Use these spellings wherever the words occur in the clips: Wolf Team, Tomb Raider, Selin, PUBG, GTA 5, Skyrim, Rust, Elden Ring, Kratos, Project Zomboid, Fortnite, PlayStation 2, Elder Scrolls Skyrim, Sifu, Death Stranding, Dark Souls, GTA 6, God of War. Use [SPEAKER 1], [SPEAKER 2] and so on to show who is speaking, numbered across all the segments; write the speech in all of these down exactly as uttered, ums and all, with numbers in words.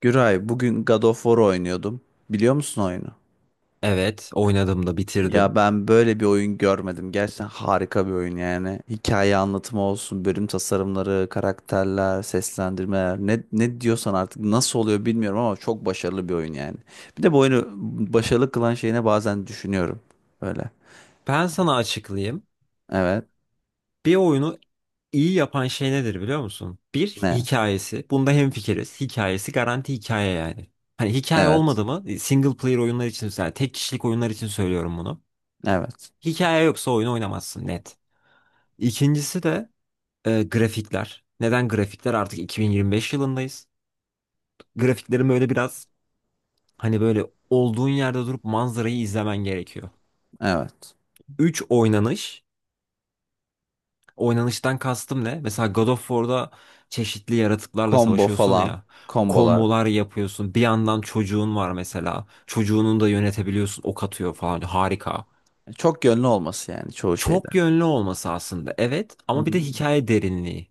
[SPEAKER 1] Güray, bugün God of War oynuyordum. Biliyor musun oyunu?
[SPEAKER 2] Evet, oynadım da
[SPEAKER 1] Ya
[SPEAKER 2] bitirdim.
[SPEAKER 1] ben böyle bir oyun görmedim. Gerçekten harika bir oyun yani. Hikaye anlatımı olsun, bölüm tasarımları, karakterler, seslendirmeler. Ne, ne diyorsan artık nasıl oluyor bilmiyorum ama çok başarılı bir oyun yani. Bir de bu oyunu başarılı kılan şeyine bazen düşünüyorum. Böyle.
[SPEAKER 2] Ben sana açıklayayım.
[SPEAKER 1] Evet.
[SPEAKER 2] Bir oyunu iyi yapan şey nedir biliyor musun? Bir,
[SPEAKER 1] Ne?
[SPEAKER 2] hikayesi. Bunda hemfikiriz. Hikayesi garanti hikaye yani. Hani hikaye
[SPEAKER 1] Evet.
[SPEAKER 2] olmadı mı? E, Single player oyunlar için, yani tek kişilik oyunlar için söylüyorum bunu.
[SPEAKER 1] Evet.
[SPEAKER 2] Hikaye yoksa oyunu oynamazsın net. İkincisi de e, grafikler. Neden grafikler? Artık iki bin yirmi beş yılındayız. Grafiklerin böyle biraz hani böyle olduğun yerde durup manzarayı izlemen gerekiyor.
[SPEAKER 1] Evet.
[SPEAKER 2] Üç, oynanış. Oynanıştan kastım ne? Mesela God of War'da çeşitli yaratıklarla
[SPEAKER 1] Combo
[SPEAKER 2] savaşıyorsun
[SPEAKER 1] falan.
[SPEAKER 2] ya.
[SPEAKER 1] Kombolar.
[SPEAKER 2] Kombolar yapıyorsun. Bir yandan çocuğun var mesela. Çocuğunun da yönetebiliyorsun. Ok atıyor falan. Harika.
[SPEAKER 1] Çok yönlü olması yani çoğu şeyde.
[SPEAKER 2] Çok yönlü olması aslında. Evet,
[SPEAKER 1] Hı.
[SPEAKER 2] ama bir de hikaye derinliği.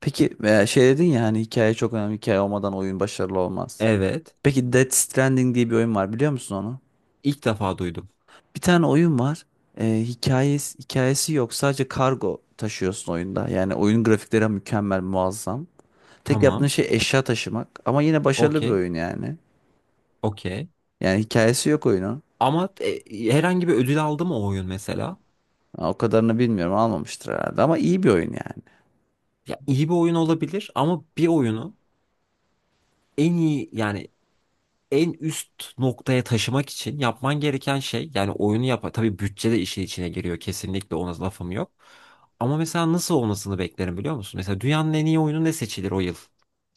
[SPEAKER 1] Peki e, şey dedin ya, hani hikaye çok önemli. Hikaye olmadan oyun başarılı olmaz.
[SPEAKER 2] Evet.
[SPEAKER 1] Peki Death Stranding diye bir oyun var, biliyor musun onu?
[SPEAKER 2] İlk defa duydum.
[SPEAKER 1] Bir tane oyun var. E, hikayesi, hikayesi yok. Sadece kargo taşıyorsun oyunda. Yani oyun grafikleri mükemmel, muazzam. Tek yaptığın
[SPEAKER 2] Tamam.
[SPEAKER 1] şey eşya taşımak. Ama yine başarılı bir
[SPEAKER 2] Okey.
[SPEAKER 1] oyun yani.
[SPEAKER 2] Okey.
[SPEAKER 1] Yani hikayesi yok oyunun.
[SPEAKER 2] Ama e, herhangi bir ödül aldı mı o oyun mesela?
[SPEAKER 1] Ha, o kadarını bilmiyorum, almamıştır herhalde. Ama iyi bir oyun yani.
[SPEAKER 2] Ya iyi bir oyun olabilir ama bir oyunu en iyi yani en üst noktaya taşımak için yapman gereken şey, yani oyunu yap, tabii bütçe de işin içine giriyor kesinlikle, ona lafım yok. Ama mesela nasıl olmasını beklerim biliyor musun? Mesela dünyanın en iyi oyunu ne seçilir o yıl?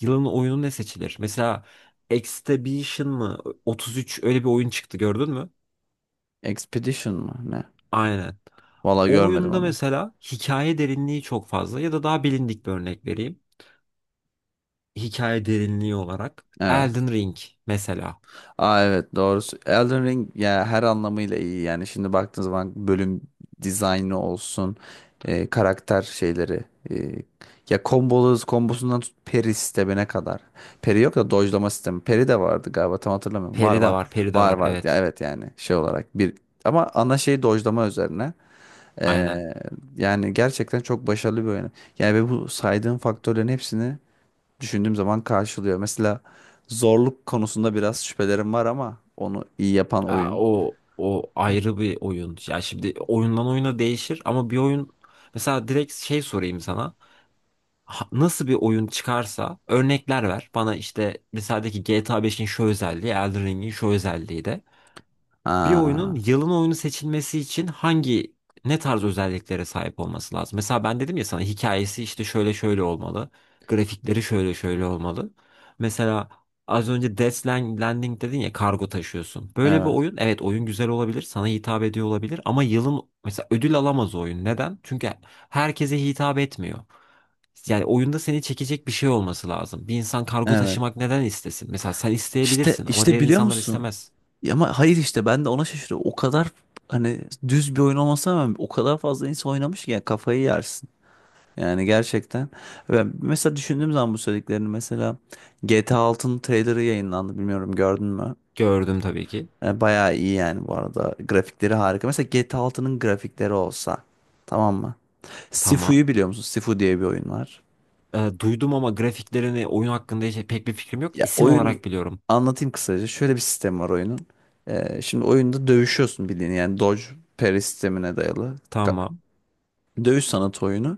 [SPEAKER 2] Yılın oyunu ne seçilir? Mesela Exhibition mı? otuz üç öyle bir oyun çıktı, gördün mü?
[SPEAKER 1] Expedition mı ne?
[SPEAKER 2] Aynen.
[SPEAKER 1] Valla
[SPEAKER 2] O
[SPEAKER 1] görmedim
[SPEAKER 2] oyunda
[SPEAKER 1] onu.
[SPEAKER 2] mesela hikaye derinliği çok fazla, ya da daha bilindik bir örnek vereyim. Hikaye derinliği olarak
[SPEAKER 1] Evet.
[SPEAKER 2] Elden Ring mesela.
[SPEAKER 1] Aa evet, doğrusu Elden Ring ya, her anlamıyla iyi yani. Şimdi baktığın zaman, bölüm dizaynı olsun, e, karakter şeyleri, e, ya, kombolu kombosundan tut peri sistemine kadar. Peri yok da dojlama sistemi, peri de vardı galiba, tam hatırlamıyorum. Var
[SPEAKER 2] Peri de
[SPEAKER 1] var,
[SPEAKER 2] var, peri de
[SPEAKER 1] var
[SPEAKER 2] var,
[SPEAKER 1] var ya,
[SPEAKER 2] evet.
[SPEAKER 1] evet. Yani şey olarak bir, ama ana şey dojlama üzerine. E,
[SPEAKER 2] Aynen.
[SPEAKER 1] yani gerçekten çok başarılı bir oyun yani, ve bu saydığım faktörlerin hepsini düşündüğüm zaman karşılıyor. Mesela zorluk konusunda biraz şüphelerim var ama onu iyi yapan
[SPEAKER 2] Aa,
[SPEAKER 1] oyun.
[SPEAKER 2] o o ayrı bir oyun. Ya şimdi oyundan oyuna değişir, ama bir oyun mesela direkt şey sorayım sana. Ha- Nasıl bir oyun çıkarsa örnekler ver. Bana işte mesela de ki G T A beşin şu özelliği, Elden Ring'in şu özelliği de. Bir
[SPEAKER 1] Aa,
[SPEAKER 2] oyunun yılın oyunu seçilmesi için hangi ne tarz özelliklere sahip olması lazım? Mesela ben dedim ya sana, hikayesi işte şöyle şöyle olmalı. Grafikleri şöyle şöyle olmalı. Mesela az önce Death Landing dedin ya, kargo taşıyorsun. Böyle bir
[SPEAKER 1] evet.
[SPEAKER 2] oyun, evet, oyun güzel olabilir, sana hitap ediyor olabilir, ama yılın mesela ödül alamaz o oyun. Neden? Çünkü herkese hitap etmiyor. Yani oyunda seni çekecek bir şey olması lazım. Bir insan kargo
[SPEAKER 1] Evet.
[SPEAKER 2] taşımak neden istesin? Mesela sen
[SPEAKER 1] İşte
[SPEAKER 2] isteyebilirsin ama
[SPEAKER 1] işte
[SPEAKER 2] diğer
[SPEAKER 1] biliyor
[SPEAKER 2] insanlar
[SPEAKER 1] musun?
[SPEAKER 2] istemez.
[SPEAKER 1] Ya ama hayır, işte ben de ona şaşırıyorum. O kadar, hani, düz bir oyun olmasına rağmen o kadar fazla insan oynamış ki yani kafayı yersin. Yani gerçekten. Ben mesela düşündüğüm zaman bu söylediklerini, mesela G T A altının trailerı yayınlandı, bilmiyorum, gördün mü?
[SPEAKER 2] Gördüm tabii ki.
[SPEAKER 1] E, bayağı iyi yani bu arada. Grafikleri harika. Mesela G T A altının grafikleri olsa, tamam mı?
[SPEAKER 2] Tamam.
[SPEAKER 1] Sifu'yu biliyor musun? Sifu diye bir oyun var.
[SPEAKER 2] Ee, duydum ama grafiklerini, oyun hakkında hiç pek bir fikrim yok.
[SPEAKER 1] Ya,
[SPEAKER 2] İsim
[SPEAKER 1] oyun,
[SPEAKER 2] olarak biliyorum.
[SPEAKER 1] anlatayım kısaca. Şöyle bir sistem var oyunun. Ee, şimdi oyunda dövüşüyorsun, bildiğin yani dodge parry sistemine dayalı ka-
[SPEAKER 2] Tamam.
[SPEAKER 1] dövüş sanatı oyunu.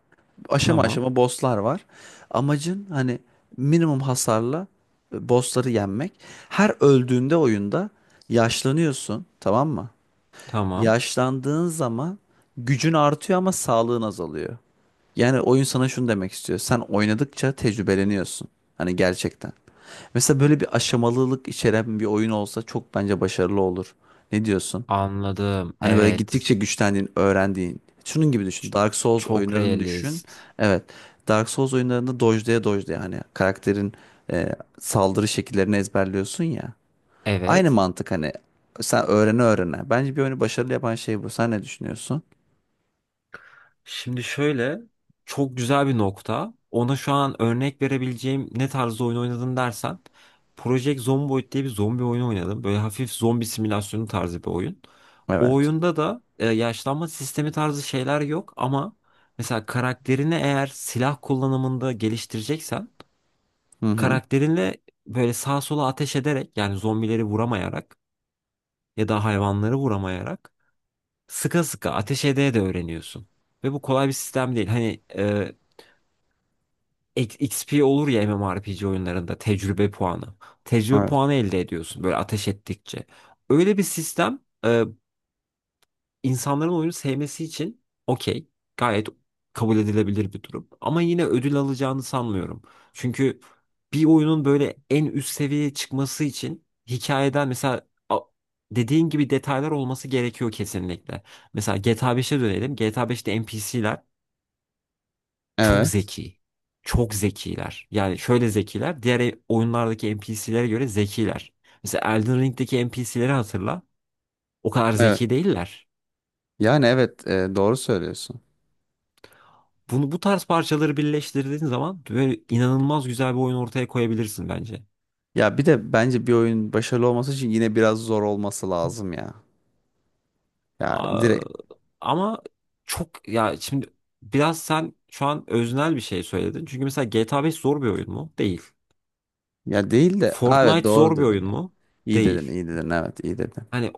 [SPEAKER 1] Aşama
[SPEAKER 2] Tamam.
[SPEAKER 1] aşama bosslar var. Amacın hani minimum hasarla e, bossları yenmek. Her öldüğünde oyunda yaşlanıyorsun, tamam mı?
[SPEAKER 2] Tamam.
[SPEAKER 1] Yaşlandığın zaman gücün artıyor ama sağlığın azalıyor. Yani oyun sana şunu demek istiyor: sen oynadıkça tecrübeleniyorsun. Hani gerçekten. Mesela böyle bir aşamalılık içeren bir oyun olsa çok bence başarılı olur. Ne diyorsun?
[SPEAKER 2] Anladım.
[SPEAKER 1] Hani böyle gittikçe
[SPEAKER 2] Evet.
[SPEAKER 1] güçlendiğin, öğrendiğin. Şunun gibi düşün.
[SPEAKER 2] Ç-
[SPEAKER 1] Dark Souls
[SPEAKER 2] çok
[SPEAKER 1] oyunlarını düşün.
[SPEAKER 2] realist.
[SPEAKER 1] Evet. Dark Souls oyunlarında dojlaya dojlaya hani karakterin e, saldırı şekillerini ezberliyorsun ya. Aynı
[SPEAKER 2] Evet.
[SPEAKER 1] mantık, hani sen öğrene öğrene. Bence bir oyunu başarılı yapan şey bu. Sen ne düşünüyorsun?
[SPEAKER 2] Şimdi şöyle, çok güzel bir nokta. Ona şu an örnek verebileceğim, ne tarzda oyun oynadın dersen, Project Zomboid diye bir zombi oyunu oynadım. Böyle hafif zombi simülasyonu tarzı bir oyun. O
[SPEAKER 1] Evet.
[SPEAKER 2] oyunda da e, yaşlanma sistemi tarzı şeyler yok ama mesela karakterini eğer silah kullanımında geliştireceksen,
[SPEAKER 1] Hı hı.
[SPEAKER 2] karakterinle böyle sağa sola ateş ederek, yani zombileri vuramayarak ya da hayvanları vuramayarak, sıka sıka ateş edeye de öğreniyorsun. Ve bu kolay bir sistem değil. Hani e, X- XP olur ya M M O R P G oyunlarında, tecrübe puanı. Tecrübe
[SPEAKER 1] Evet.
[SPEAKER 2] puanı elde ediyorsun böyle ateş ettikçe. Öyle bir sistem e, insanların oyunu sevmesi için okey. Gayet kabul edilebilir bir durum. Ama yine ödül alacağını sanmıyorum. Çünkü bir oyunun böyle en üst seviyeye çıkması için hikayeden mesela, a- dediğin gibi, detaylar olması gerekiyor kesinlikle. Mesela G T A beşe dönelim. G T A beşte N P C'ler çok
[SPEAKER 1] Evet.
[SPEAKER 2] zeki. Çok zekiler. Yani şöyle zekiler: diğer oyunlardaki N P C'lere göre zekiler. Mesela Elden Ring'deki N P C'leri hatırla. O kadar
[SPEAKER 1] Evet.
[SPEAKER 2] zeki değiller.
[SPEAKER 1] Yani evet, e, doğru söylüyorsun.
[SPEAKER 2] Bunu, bu tarz parçaları birleştirdiğin zaman böyle inanılmaz güzel bir oyun ortaya koyabilirsin bence.
[SPEAKER 1] Ya bir de bence bir oyun başarılı olması için yine biraz zor olması lazım ya. Ya
[SPEAKER 2] Aa,
[SPEAKER 1] direkt,
[SPEAKER 2] ama çok, ya şimdi biraz sen şu an öznel bir şey söyledin. Çünkü mesela G T A beş zor bir oyun mu? Değil.
[SPEAKER 1] ya değil de. Aa, evet,
[SPEAKER 2] Fortnite
[SPEAKER 1] doğru
[SPEAKER 2] zor bir
[SPEAKER 1] dedin
[SPEAKER 2] oyun
[SPEAKER 1] ya.
[SPEAKER 2] mu?
[SPEAKER 1] İyi dedin,
[SPEAKER 2] Değil.
[SPEAKER 1] iyi dedin, evet iyi dedin.
[SPEAKER 2] Hani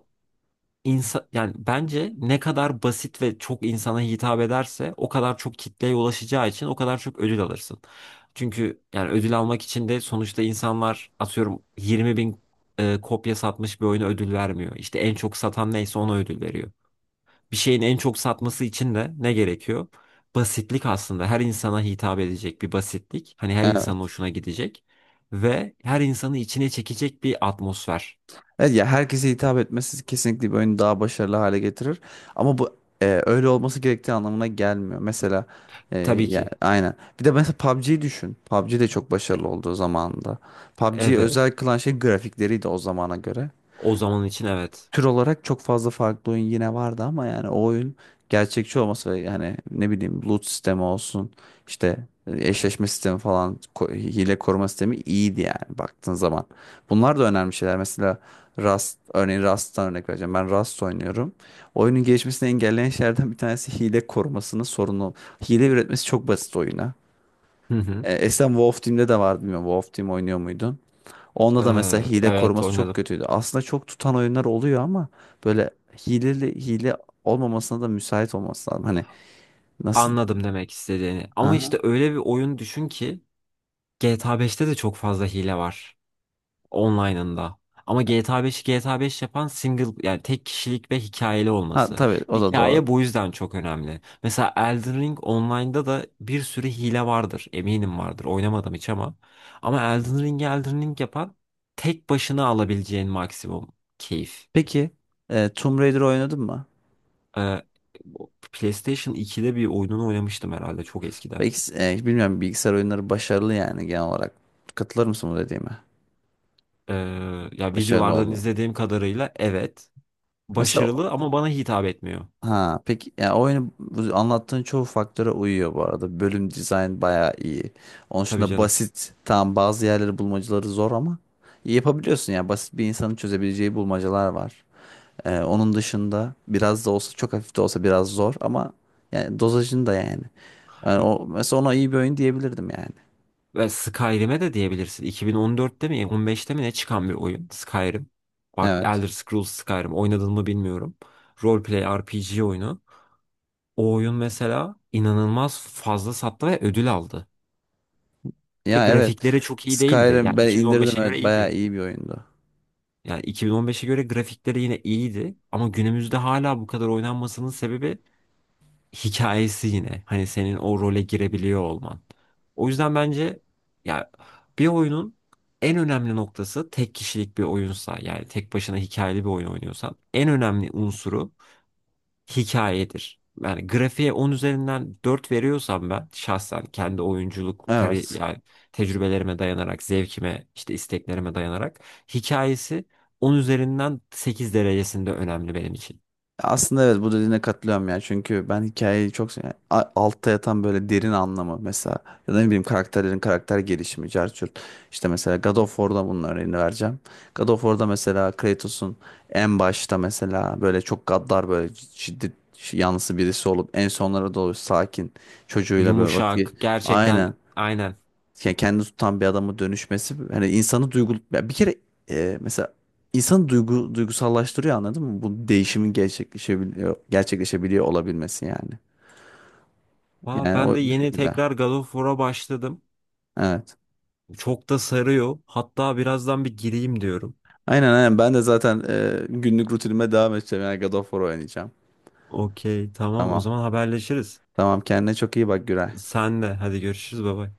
[SPEAKER 2] İnsa, yani bence ne kadar basit ve çok insana hitap ederse o kadar çok kitleye ulaşacağı için o kadar çok ödül alırsın. Çünkü yani ödül almak için de sonuçta insanlar, atıyorum, yirmi bin e, kopya satmış bir oyuna ödül vermiyor. İşte en çok satan neyse ona ödül veriyor. Bir şeyin en çok satması için de ne gerekiyor? Basitlik aslında, her insana hitap edecek bir basitlik. Hani her insanın
[SPEAKER 1] Evet.
[SPEAKER 2] hoşuna gidecek ve her insanı içine çekecek bir atmosfer.
[SPEAKER 1] Evet ya, herkese hitap etmesi kesinlikle bir oyunu daha başarılı hale getirir. Ama bu e, öyle olması gerektiği anlamına gelmiyor. Mesela e,
[SPEAKER 2] Tabii
[SPEAKER 1] ya,
[SPEAKER 2] ki.
[SPEAKER 1] aynen. Bir de mesela P U B G'yi düşün. P U B G de çok başarılı olduğu zamanında. P U B G'yi özel
[SPEAKER 2] Evet.
[SPEAKER 1] kılan şey grafikleriydi o zamana göre.
[SPEAKER 2] O zaman için evet.
[SPEAKER 1] Tür olarak çok fazla farklı oyun yine vardı ama yani o oyun gerçekçi olması, ve yani, ne bileyim, loot sistemi olsun, işte e, eşleşme sistemi falan, ko- hile koruma sistemi iyiydi yani baktığın zaman. Bunlar da önemli şeyler. Mesela Rust, örneğin Rust'tan örnek vereceğim. Ben Rust oynuyorum. Oyunun gelişmesini engelleyen şeylerden bir tanesi hile korumasının sorunu. Hile üretmesi çok basit oyuna.
[SPEAKER 2] Hı hı.
[SPEAKER 1] E, Esen Wolf Team'de de vardı, bilmiyorum. Wolf Team oynuyor muydun? Onda da mesela
[SPEAKER 2] Ee,
[SPEAKER 1] hile
[SPEAKER 2] evet
[SPEAKER 1] koruması çok
[SPEAKER 2] oynadım.
[SPEAKER 1] kötüydü. Aslında çok tutan oyunlar oluyor ama böyle hileli hile olmamasına da müsait olması lazım. Hani nasıl?
[SPEAKER 2] Anladım demek istediğini. Ama
[SPEAKER 1] Aha.
[SPEAKER 2] işte öyle bir oyun düşün ki, G T A beşte de çok fazla hile var online'ında. Ama G T A beşi G T A beş yapan, single yani tek kişilik ve hikayeli
[SPEAKER 1] Ha,
[SPEAKER 2] olması.
[SPEAKER 1] tabii o da
[SPEAKER 2] Hikaye
[SPEAKER 1] doğru.
[SPEAKER 2] bu yüzden çok önemli. Mesela Elden Ring online'da da bir sürü hile vardır. Eminim vardır. Oynamadım hiç ama. Ama Elden Ring'i Elden Ring yapan, tek başına alabileceğin maksimum keyif.
[SPEAKER 1] Peki, e, Tomb Raider oynadın mı?
[SPEAKER 2] Ee, PlayStation ikide bir oyununu oynamıştım herhalde, çok eskiden.
[SPEAKER 1] Belki, e, bilmiyorum, bilgisayar oyunları başarılı yani genel olarak. Katılır mısın bu dediğime?
[SPEAKER 2] Ee, ya
[SPEAKER 1] Başarılı
[SPEAKER 2] videolardan
[SPEAKER 1] oldu.
[SPEAKER 2] izlediğim kadarıyla evet,
[SPEAKER 1] Mesela.
[SPEAKER 2] başarılı ama bana hitap etmiyor.
[SPEAKER 1] Ha, peki, ya oyunu bu anlattığın çoğu faktöre uyuyor bu arada. Bölüm dizayn bayağı iyi. Onun
[SPEAKER 2] Tabii
[SPEAKER 1] dışında
[SPEAKER 2] canım.
[SPEAKER 1] basit. Tamam, bazı yerleri, bulmacaları zor ama yapabiliyorsun ya. Basit bir insanın çözebileceği bulmacalar var. Ee, onun dışında biraz da olsa, çok hafif de olsa biraz zor ama yani dozajını da yani. Yani
[SPEAKER 2] M-
[SPEAKER 1] o, mesela ona iyi bir oyun diyebilirdim yani.
[SPEAKER 2] Ve Skyrim'e de diyebilirsin. iki bin on dörtte mi on beşte mi ne çıkan bir oyun Skyrim. Bak,
[SPEAKER 1] Evet.
[SPEAKER 2] Elder Scrolls Skyrim oynadın mı bilmiyorum. Roleplay R P G oyunu. O oyun mesela inanılmaz fazla sattı ve ödül aldı. Ve
[SPEAKER 1] Ya evet.
[SPEAKER 2] grafikleri çok iyi değildi.
[SPEAKER 1] Skyrim
[SPEAKER 2] Yani
[SPEAKER 1] ben indirdim,
[SPEAKER 2] iki bin on beşe
[SPEAKER 1] evet,
[SPEAKER 2] göre
[SPEAKER 1] bayağı
[SPEAKER 2] iyiydi.
[SPEAKER 1] iyi bir oyundu.
[SPEAKER 2] Yani iki bin on beşe göre grafikleri yine iyiydi, ama günümüzde hala bu kadar oynanmasının sebebi hikayesi yine. Hani senin o role girebiliyor olman. O yüzden bence, ya, bir oyunun en önemli noktası, tek kişilik bir oyunsa yani tek başına hikayeli bir oyun oynuyorsan, en önemli unsuru hikayedir. Yani grafiğe on üzerinden dört veriyorsam ben, şahsen kendi oyunculuk kari
[SPEAKER 1] Evet.
[SPEAKER 2] yani tecrübelerime dayanarak, zevkime, işte isteklerime dayanarak, hikayesi on üzerinden sekiz derecesinde önemli benim için.
[SPEAKER 1] Aslında evet, bu dediğine katılıyorum ya. Çünkü ben hikayeyi çok seviyorum. A- Altta yatan böyle derin anlamı mesela, ya da ne bileyim, karakterlerin karakter gelişimi, carçurt. İşte mesela God of War'da bunun örneğini vereceğim. God of War'da mesela Kratos'un en başta mesela böyle çok gaddar, böyle şiddet yanlısı birisi olup, en sonlara doğru sakin, çocuğuyla böyle
[SPEAKER 2] Yumuşak,
[SPEAKER 1] vakit.
[SPEAKER 2] gerçekten
[SPEAKER 1] Aynen,
[SPEAKER 2] aynen.
[SPEAKER 1] yani kendini tutan bir adama dönüşmesi, hani insanı duygu, ya bir kere, e, mesela insanı duygu duygusallaştırıyor, anladın mı? Bu değişimin gerçekleşebiliyor gerçekleşebiliyor olabilmesi yani.
[SPEAKER 2] Aa,
[SPEAKER 1] Yani
[SPEAKER 2] ben
[SPEAKER 1] o
[SPEAKER 2] de
[SPEAKER 1] bir
[SPEAKER 2] yeni
[SPEAKER 1] şekilde.
[SPEAKER 2] tekrar God of War'a başladım.
[SPEAKER 1] Evet.
[SPEAKER 2] Çok da sarıyor. Hatta birazdan bir gireyim diyorum.
[SPEAKER 1] Aynen aynen, ben de zaten e, günlük rutinime devam edeceğim. Yani God of War oynayacağım.
[SPEAKER 2] Okey, tamam, o
[SPEAKER 1] Tamam.
[SPEAKER 2] zaman haberleşiriz.
[SPEAKER 1] Tamam, kendine çok iyi bak Güray.
[SPEAKER 2] Sen de hadi, görüşürüz baba.